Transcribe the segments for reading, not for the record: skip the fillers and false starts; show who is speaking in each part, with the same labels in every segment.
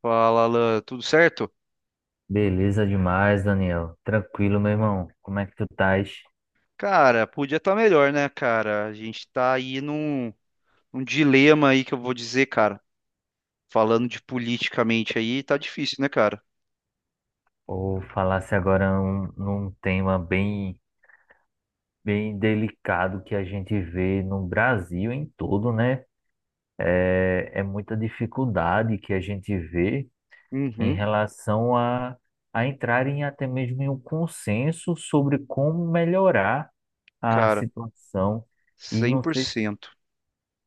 Speaker 1: Fala, Alan, tudo certo?
Speaker 2: Beleza demais, Daniel. Tranquilo, meu irmão. Como é que tu estás?
Speaker 1: Cara, podia estar melhor, né, cara? A gente tá aí num dilema aí que eu vou dizer, cara. Falando de politicamente aí, tá difícil, né, cara?
Speaker 2: Ou falasse agora um, num tema bem, bem delicado que a gente vê no Brasil em todo, né? É, é muita dificuldade que a gente vê em
Speaker 1: Uhum,
Speaker 2: relação a entrar em até mesmo em um consenso sobre como melhorar a
Speaker 1: cara,
Speaker 2: situação. E
Speaker 1: cem
Speaker 2: não
Speaker 1: por
Speaker 2: sei
Speaker 1: cento.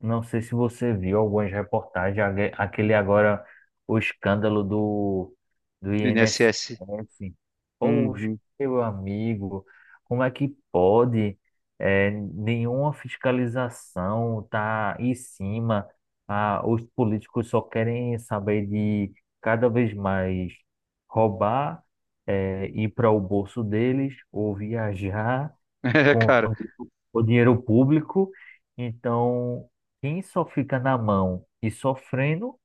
Speaker 2: Não sei se você viu algumas reportagens, aquele agora, o escândalo do, do INSS.
Speaker 1: INSS.
Speaker 2: Poxa,
Speaker 1: Uhum.
Speaker 2: meu amigo, como é que pode? É, nenhuma fiscalização tá em cima. Ah, os políticos só querem saber de cada vez mais roubar, é, ir para o bolso deles ou viajar
Speaker 1: É,
Speaker 2: com
Speaker 1: cara,
Speaker 2: o dinheiro público. Então, quem só fica na mão e sofrendo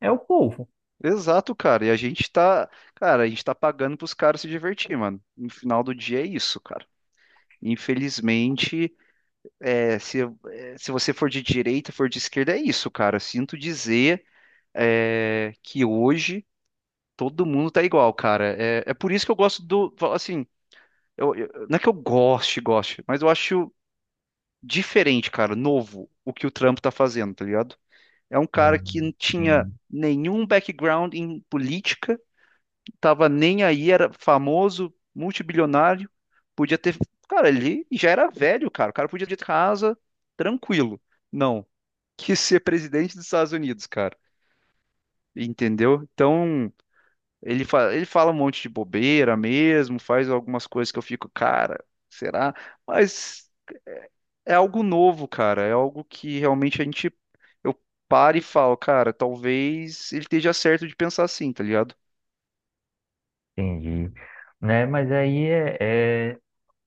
Speaker 2: é o povo.
Speaker 1: exato, cara. E a gente tá, cara, a gente tá pagando pros caras se divertir, mano. No final do dia é isso, cara. Infelizmente, é, se, se você for de direita, for de esquerda, é isso, cara. Sinto dizer. Que hoje todo mundo tá igual, cara. É por isso que eu gosto do, falo assim, não é que eu goste, goste, mas eu acho diferente, cara, novo o que o Trump tá fazendo, tá ligado? É um cara que não
Speaker 2: Hum,
Speaker 1: tinha
Speaker 2: sim,
Speaker 1: nenhum background em política, tava nem aí, era famoso, multibilionário, podia ter, cara, ele já era velho, cara, o cara podia ter casa tranquilo. Não, quis ser presidente dos Estados Unidos, cara. Entendeu? Então, ele fala um monte de bobeira mesmo, faz algumas coisas que eu fico, cara, será? Mas é é algo novo, cara. É algo que realmente a gente, eu paro e falo, cara, talvez ele esteja certo de pensar assim, tá ligado?
Speaker 2: entendi. Né? Mas aí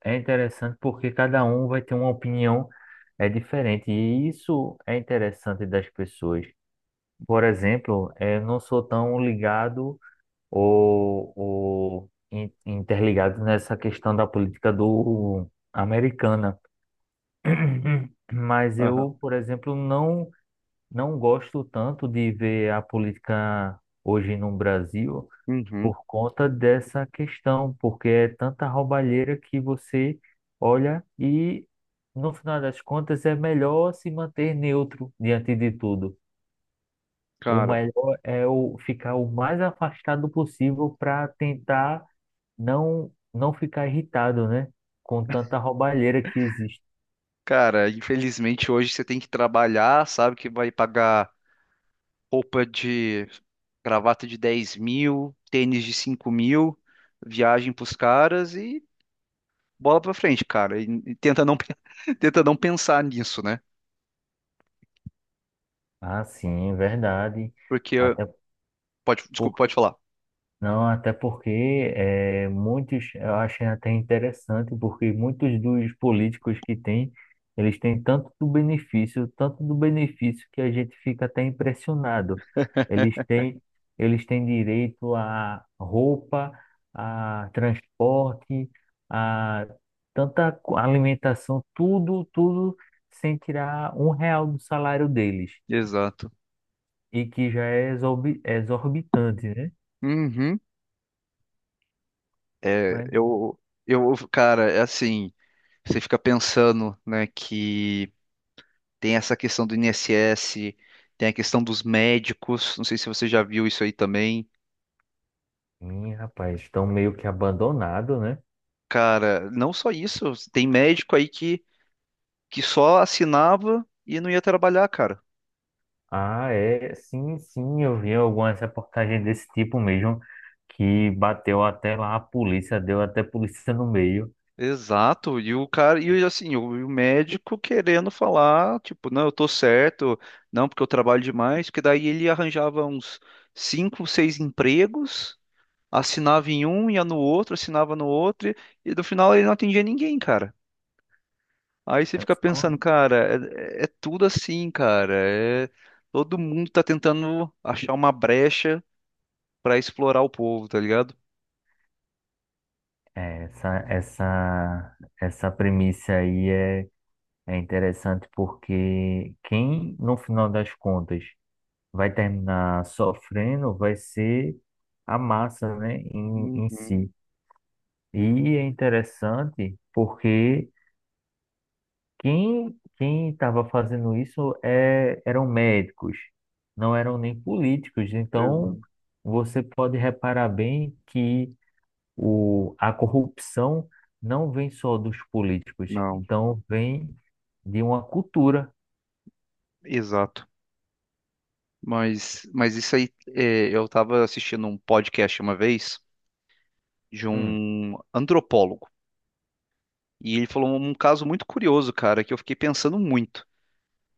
Speaker 2: é interessante porque cada um vai ter uma opinião é diferente. E isso é interessante das pessoas. Por exemplo, eu não sou tão ligado ou, ou interligado nessa questão da política do americana. Mas
Speaker 1: Aham.
Speaker 2: eu, por exemplo, não gosto tanto de ver a política hoje no Brasil
Speaker 1: Uhum.
Speaker 2: por conta dessa questão, porque é tanta roubalheira que você olha e, no final das contas, é melhor se manter neutro diante de tudo. O
Speaker 1: Cara,
Speaker 2: melhor é o ficar o mais afastado possível para tentar não ficar irritado, né? Com tanta roubalheira que existe.
Speaker 1: cara, infelizmente hoje você tem que trabalhar, sabe que vai pagar roupa de gravata de 10.000, tênis de 5.000, viagem pros caras e bola pra frente, cara, e tenta não, pe- tenta não pensar nisso, né?
Speaker 2: Ah, sim, verdade.
Speaker 1: Porque,
Speaker 2: Até
Speaker 1: pode,
Speaker 2: Por-
Speaker 1: desculpa, pode falar.
Speaker 2: Não, até porque é muitos, eu acho até interessante, porque muitos dos políticos que têm, eles têm tanto do benefício que a gente fica até impressionado. Eles têm, eles têm direito a roupa, a transporte, a alimentação, tudo, tudo sem tirar um real do salário deles,
Speaker 1: Exato.
Speaker 2: e que já é exorbitante,
Speaker 1: Uhum. É,
Speaker 2: né?
Speaker 1: eu, cara, é assim, você fica pensando, né, que tem essa questão do INSS, tem a questão dos médicos, não sei se você já viu isso aí também.
Speaker 2: Ih, rapaz, estão meio que abandonado, né?
Speaker 1: Cara, não só isso, tem médico aí que só assinava e não ia trabalhar, cara.
Speaker 2: Ah, é, sim, sim, eu vi algumas reportagens desse tipo mesmo, que bateu até lá a polícia, deu até polícia no meio.
Speaker 1: Exato, e o cara, e assim, o, e o médico querendo falar, tipo, não, eu tô certo, não, porque eu trabalho demais, porque daí ele arranjava uns cinco, seis empregos, assinava em um, ia no outro, assinava no outro, e no final ele não atendia ninguém, cara. Aí você
Speaker 2: É
Speaker 1: fica pensando,
Speaker 2: só-
Speaker 1: cara, é tudo assim, cara, é, todo mundo tá tentando achar uma brecha pra explorar o povo, tá ligado?
Speaker 2: é, essa premissa aí é, é interessante porque quem, no final das contas, vai terminar sofrendo vai ser a massa, né, em
Speaker 1: Uhum,
Speaker 2: si. E é interessante porque quem estava fazendo isso é, eram médicos, não eram nem políticos. Então,
Speaker 1: exa-
Speaker 2: você pode reparar bem que o, a corrupção não vem só dos políticos,
Speaker 1: não,
Speaker 2: então vem de uma cultura.
Speaker 1: exato. Mas isso aí, é, eu estava assistindo um podcast uma vez de
Speaker 2: Hum.
Speaker 1: um antropólogo. E ele falou um caso muito curioso, cara, que eu fiquei pensando muito.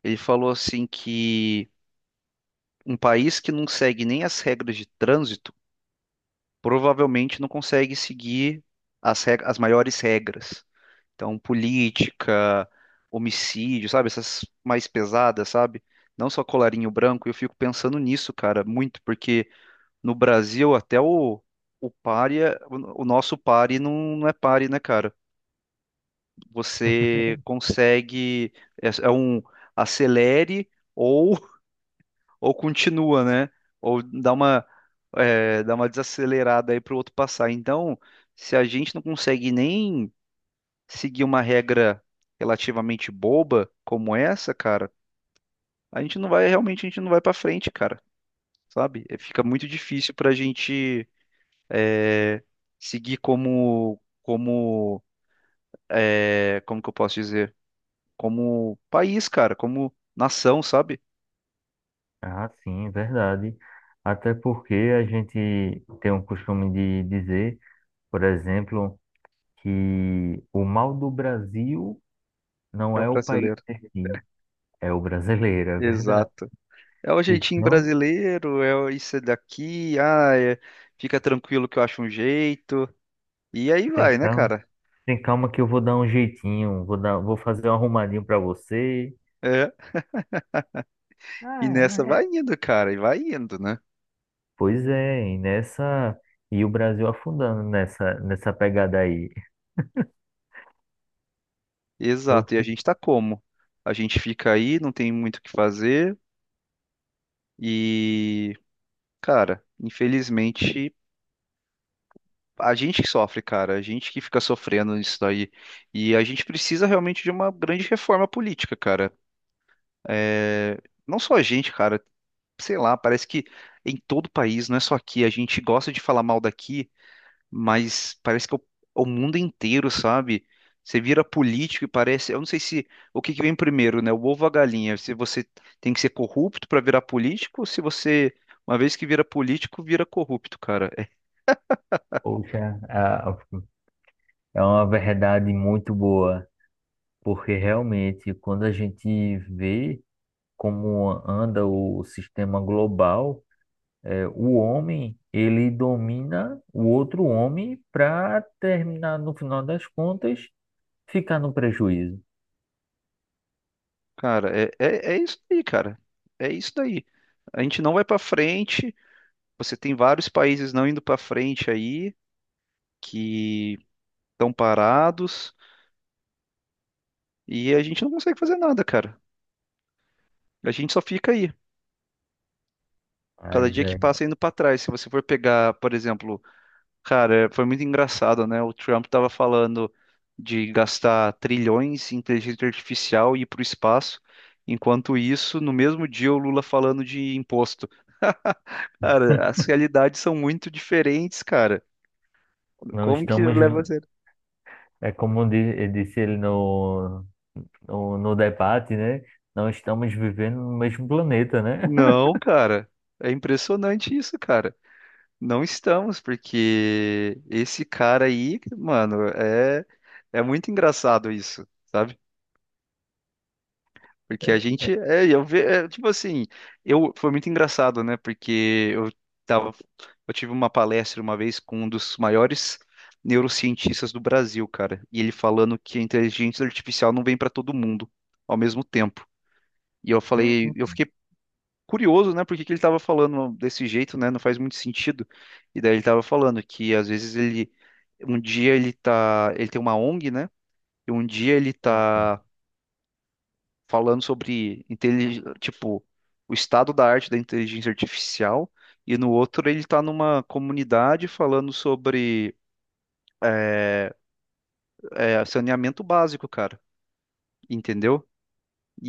Speaker 1: Ele falou assim que um país que não segue nem as regras de trânsito provavelmente não consegue seguir as maiores regras. Então, política, homicídio, sabe? Essas mais pesadas, sabe? Não só colarinho branco. Eu fico pensando nisso, cara, muito. Porque. No Brasil, até o pare, o nosso pare não, não é pare, né, cara? Você consegue, é um acelere ou, ou continua, né? Ou dá uma desacelerada aí para o outro passar. Então, se a gente não consegue nem seguir uma regra relativamente boba como essa, cara, a gente não vai, realmente, a gente não vai para frente, cara, sabe? É, fica muito difícil para a gente é, seguir como, como que eu posso dizer? Como país, cara, como nação, sabe?
Speaker 2: Ah, sim, é verdade. Até porque a gente tem um costume de dizer, por exemplo, que o mal do Brasil não
Speaker 1: É o
Speaker 2: é o país
Speaker 1: brasileiro.
Speaker 2: em si, é o brasileiro, é verdade.
Speaker 1: Exato. É o jeitinho
Speaker 2: Então,
Speaker 1: brasileiro, isso é daqui, ah, fica tranquilo que eu acho um jeito. E aí
Speaker 2: tem
Speaker 1: vai, né,
Speaker 2: calma,
Speaker 1: cara?
Speaker 2: tem calma que eu vou dar um jeitinho, vou dar, vou fazer um arrumadinho pra você.
Speaker 1: É. E
Speaker 2: Ah,
Speaker 1: nessa vai
Speaker 2: é.
Speaker 1: indo, cara, e vai indo, né?
Speaker 2: Pois é, e nessa e o Brasil afundando nessa pegada aí. Eu
Speaker 1: Exato. E a
Speaker 2: fico,
Speaker 1: gente tá como? A gente fica aí, não tem muito o que fazer e, cara, infelizmente a gente que sofre, cara, a gente que fica sofrendo isso daí. E a gente precisa realmente de uma grande reforma política, cara. É, não só a gente, cara, sei lá, parece que em todo o país, não é só aqui, a gente gosta de falar mal daqui, mas parece que é o mundo inteiro, sabe? Você vira político e parece, eu não sei se o que que vem primeiro, né? O ovo ou a galinha? Se você tem que ser corrupto para virar político, ou se você, uma vez que vira político, vira corrupto, cara.
Speaker 2: poxa, é uma verdade muito boa, porque realmente quando a gente vê como anda o sistema global, é, o homem ele domina o outro homem para terminar no final das contas ficar no prejuízo.
Speaker 1: Cara, é isso aí, cara. É isso daí. A gente não vai pra frente. Você tem vários países não indo pra frente aí, que estão parados, e a gente não consegue fazer nada, cara. A gente só fica aí. Cada
Speaker 2: Mas
Speaker 1: dia que
Speaker 2: é,
Speaker 1: passa indo pra trás. Se você for pegar, por exemplo, cara, foi muito engraçado, né? O Trump tava falando de gastar trilhões em inteligência artificial e ir pro espaço. Enquanto isso, no mesmo dia, o Lula falando de imposto. Cara, as realidades são muito diferentes, cara.
Speaker 2: não
Speaker 1: Como que
Speaker 2: estamos,
Speaker 1: leva a sério?
Speaker 2: é como disse ele no, no debate, né? Não estamos vivendo no mesmo planeta, né?
Speaker 1: Não, cara. É impressionante isso, cara. Não estamos, porque esse cara aí, mano, é muito engraçado isso. Porque a gente, eu ve, tipo assim, eu foi muito engraçado, né? Porque eu tava, eu tive uma palestra uma vez com um dos maiores neurocientistas do Brasil, cara, e ele falando que a inteligência artificial não vem para todo mundo ao mesmo tempo. E eu falei, eu fiquei curioso, né? Por que que ele estava falando desse jeito, né? Não faz muito sentido. E daí ele estava falando que às vezes ele, um dia ele tá, ele tem uma ONG, né? E um dia ele tá falando sobre tipo o estado da arte da inteligência artificial e no outro ele está numa comunidade falando sobre é, saneamento básico, cara, entendeu?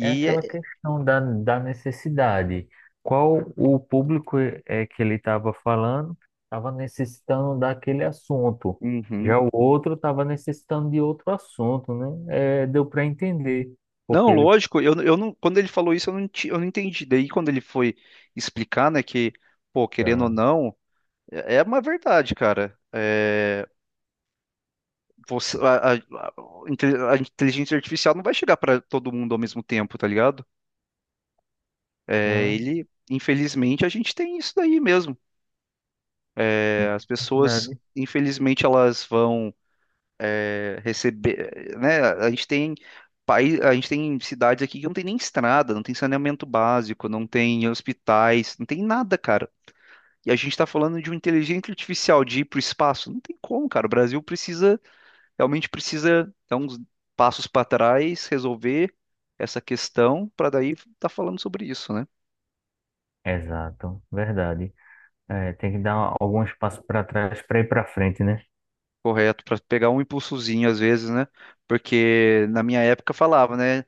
Speaker 2: É aquela
Speaker 1: é...
Speaker 2: questão da, da necessidade. Qual o público é que ele estava falando, estava necessitando daquele assunto.
Speaker 1: Uhum.
Speaker 2: Já o outro estava necessitando de outro assunto, né? É, deu para entender
Speaker 1: Não,
Speaker 2: porque ele
Speaker 1: lógico, eu não, quando ele falou isso eu não, eu não entendi. Daí quando ele foi explicar, né, que pô, querendo ou
Speaker 2: fica,
Speaker 1: não, é uma verdade, cara. É, você, a inteligência artificial não vai chegar para todo mundo ao mesmo tempo, tá ligado? É,
Speaker 2: sim,
Speaker 1: ele, infelizmente, a gente tem isso daí mesmo.
Speaker 2: sim.
Speaker 1: É, as pessoas, infelizmente, elas vão receber, né? A gente tem país, a gente tem cidades aqui que não tem nem estrada, não tem saneamento básico, não tem hospitais, não tem nada, cara. E a gente está falando de uma inteligência artificial de ir para o espaço. Não tem como, cara. O Brasil precisa, realmente precisa dar uns passos para trás, resolver essa questão, para daí estar falando sobre isso, né?
Speaker 2: Exato, verdade. É, tem que dar algum espaço para trás para ir para frente, né?
Speaker 1: Correto, para pegar um impulsozinho às vezes, né? Porque na minha época falava, né?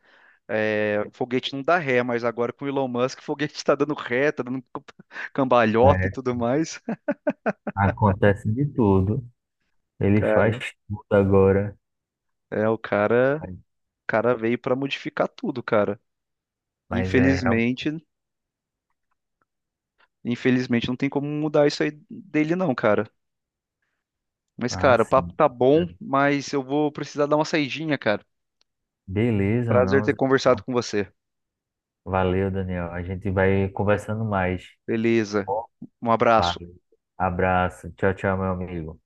Speaker 1: É, foguete não dá ré, mas agora com o Elon Musk, o foguete tá dando ré, tá dando cambalhota e
Speaker 2: É,
Speaker 1: tudo mais.
Speaker 2: acontece de tudo. Ele faz
Speaker 1: Cara,
Speaker 2: tudo agora,
Speaker 1: o cara,
Speaker 2: mas
Speaker 1: o cara veio para modificar tudo, cara.
Speaker 2: mas é real.
Speaker 1: Infelizmente, infelizmente não tem como mudar isso aí dele não, cara. Mas,
Speaker 2: Ah,
Speaker 1: cara, o papo
Speaker 2: sim.
Speaker 1: tá
Speaker 2: É,
Speaker 1: bom, mas eu vou precisar dar uma saidinha, cara.
Speaker 2: beleza,
Speaker 1: Prazer
Speaker 2: não.
Speaker 1: ter
Speaker 2: Zé.
Speaker 1: conversado
Speaker 2: Então,
Speaker 1: com você.
Speaker 2: valeu, Daniel. A gente vai conversando mais. Tá
Speaker 1: Beleza.
Speaker 2: bom?
Speaker 1: Um abraço.
Speaker 2: Valeu. Abraço. Tchau, tchau, meu amigo.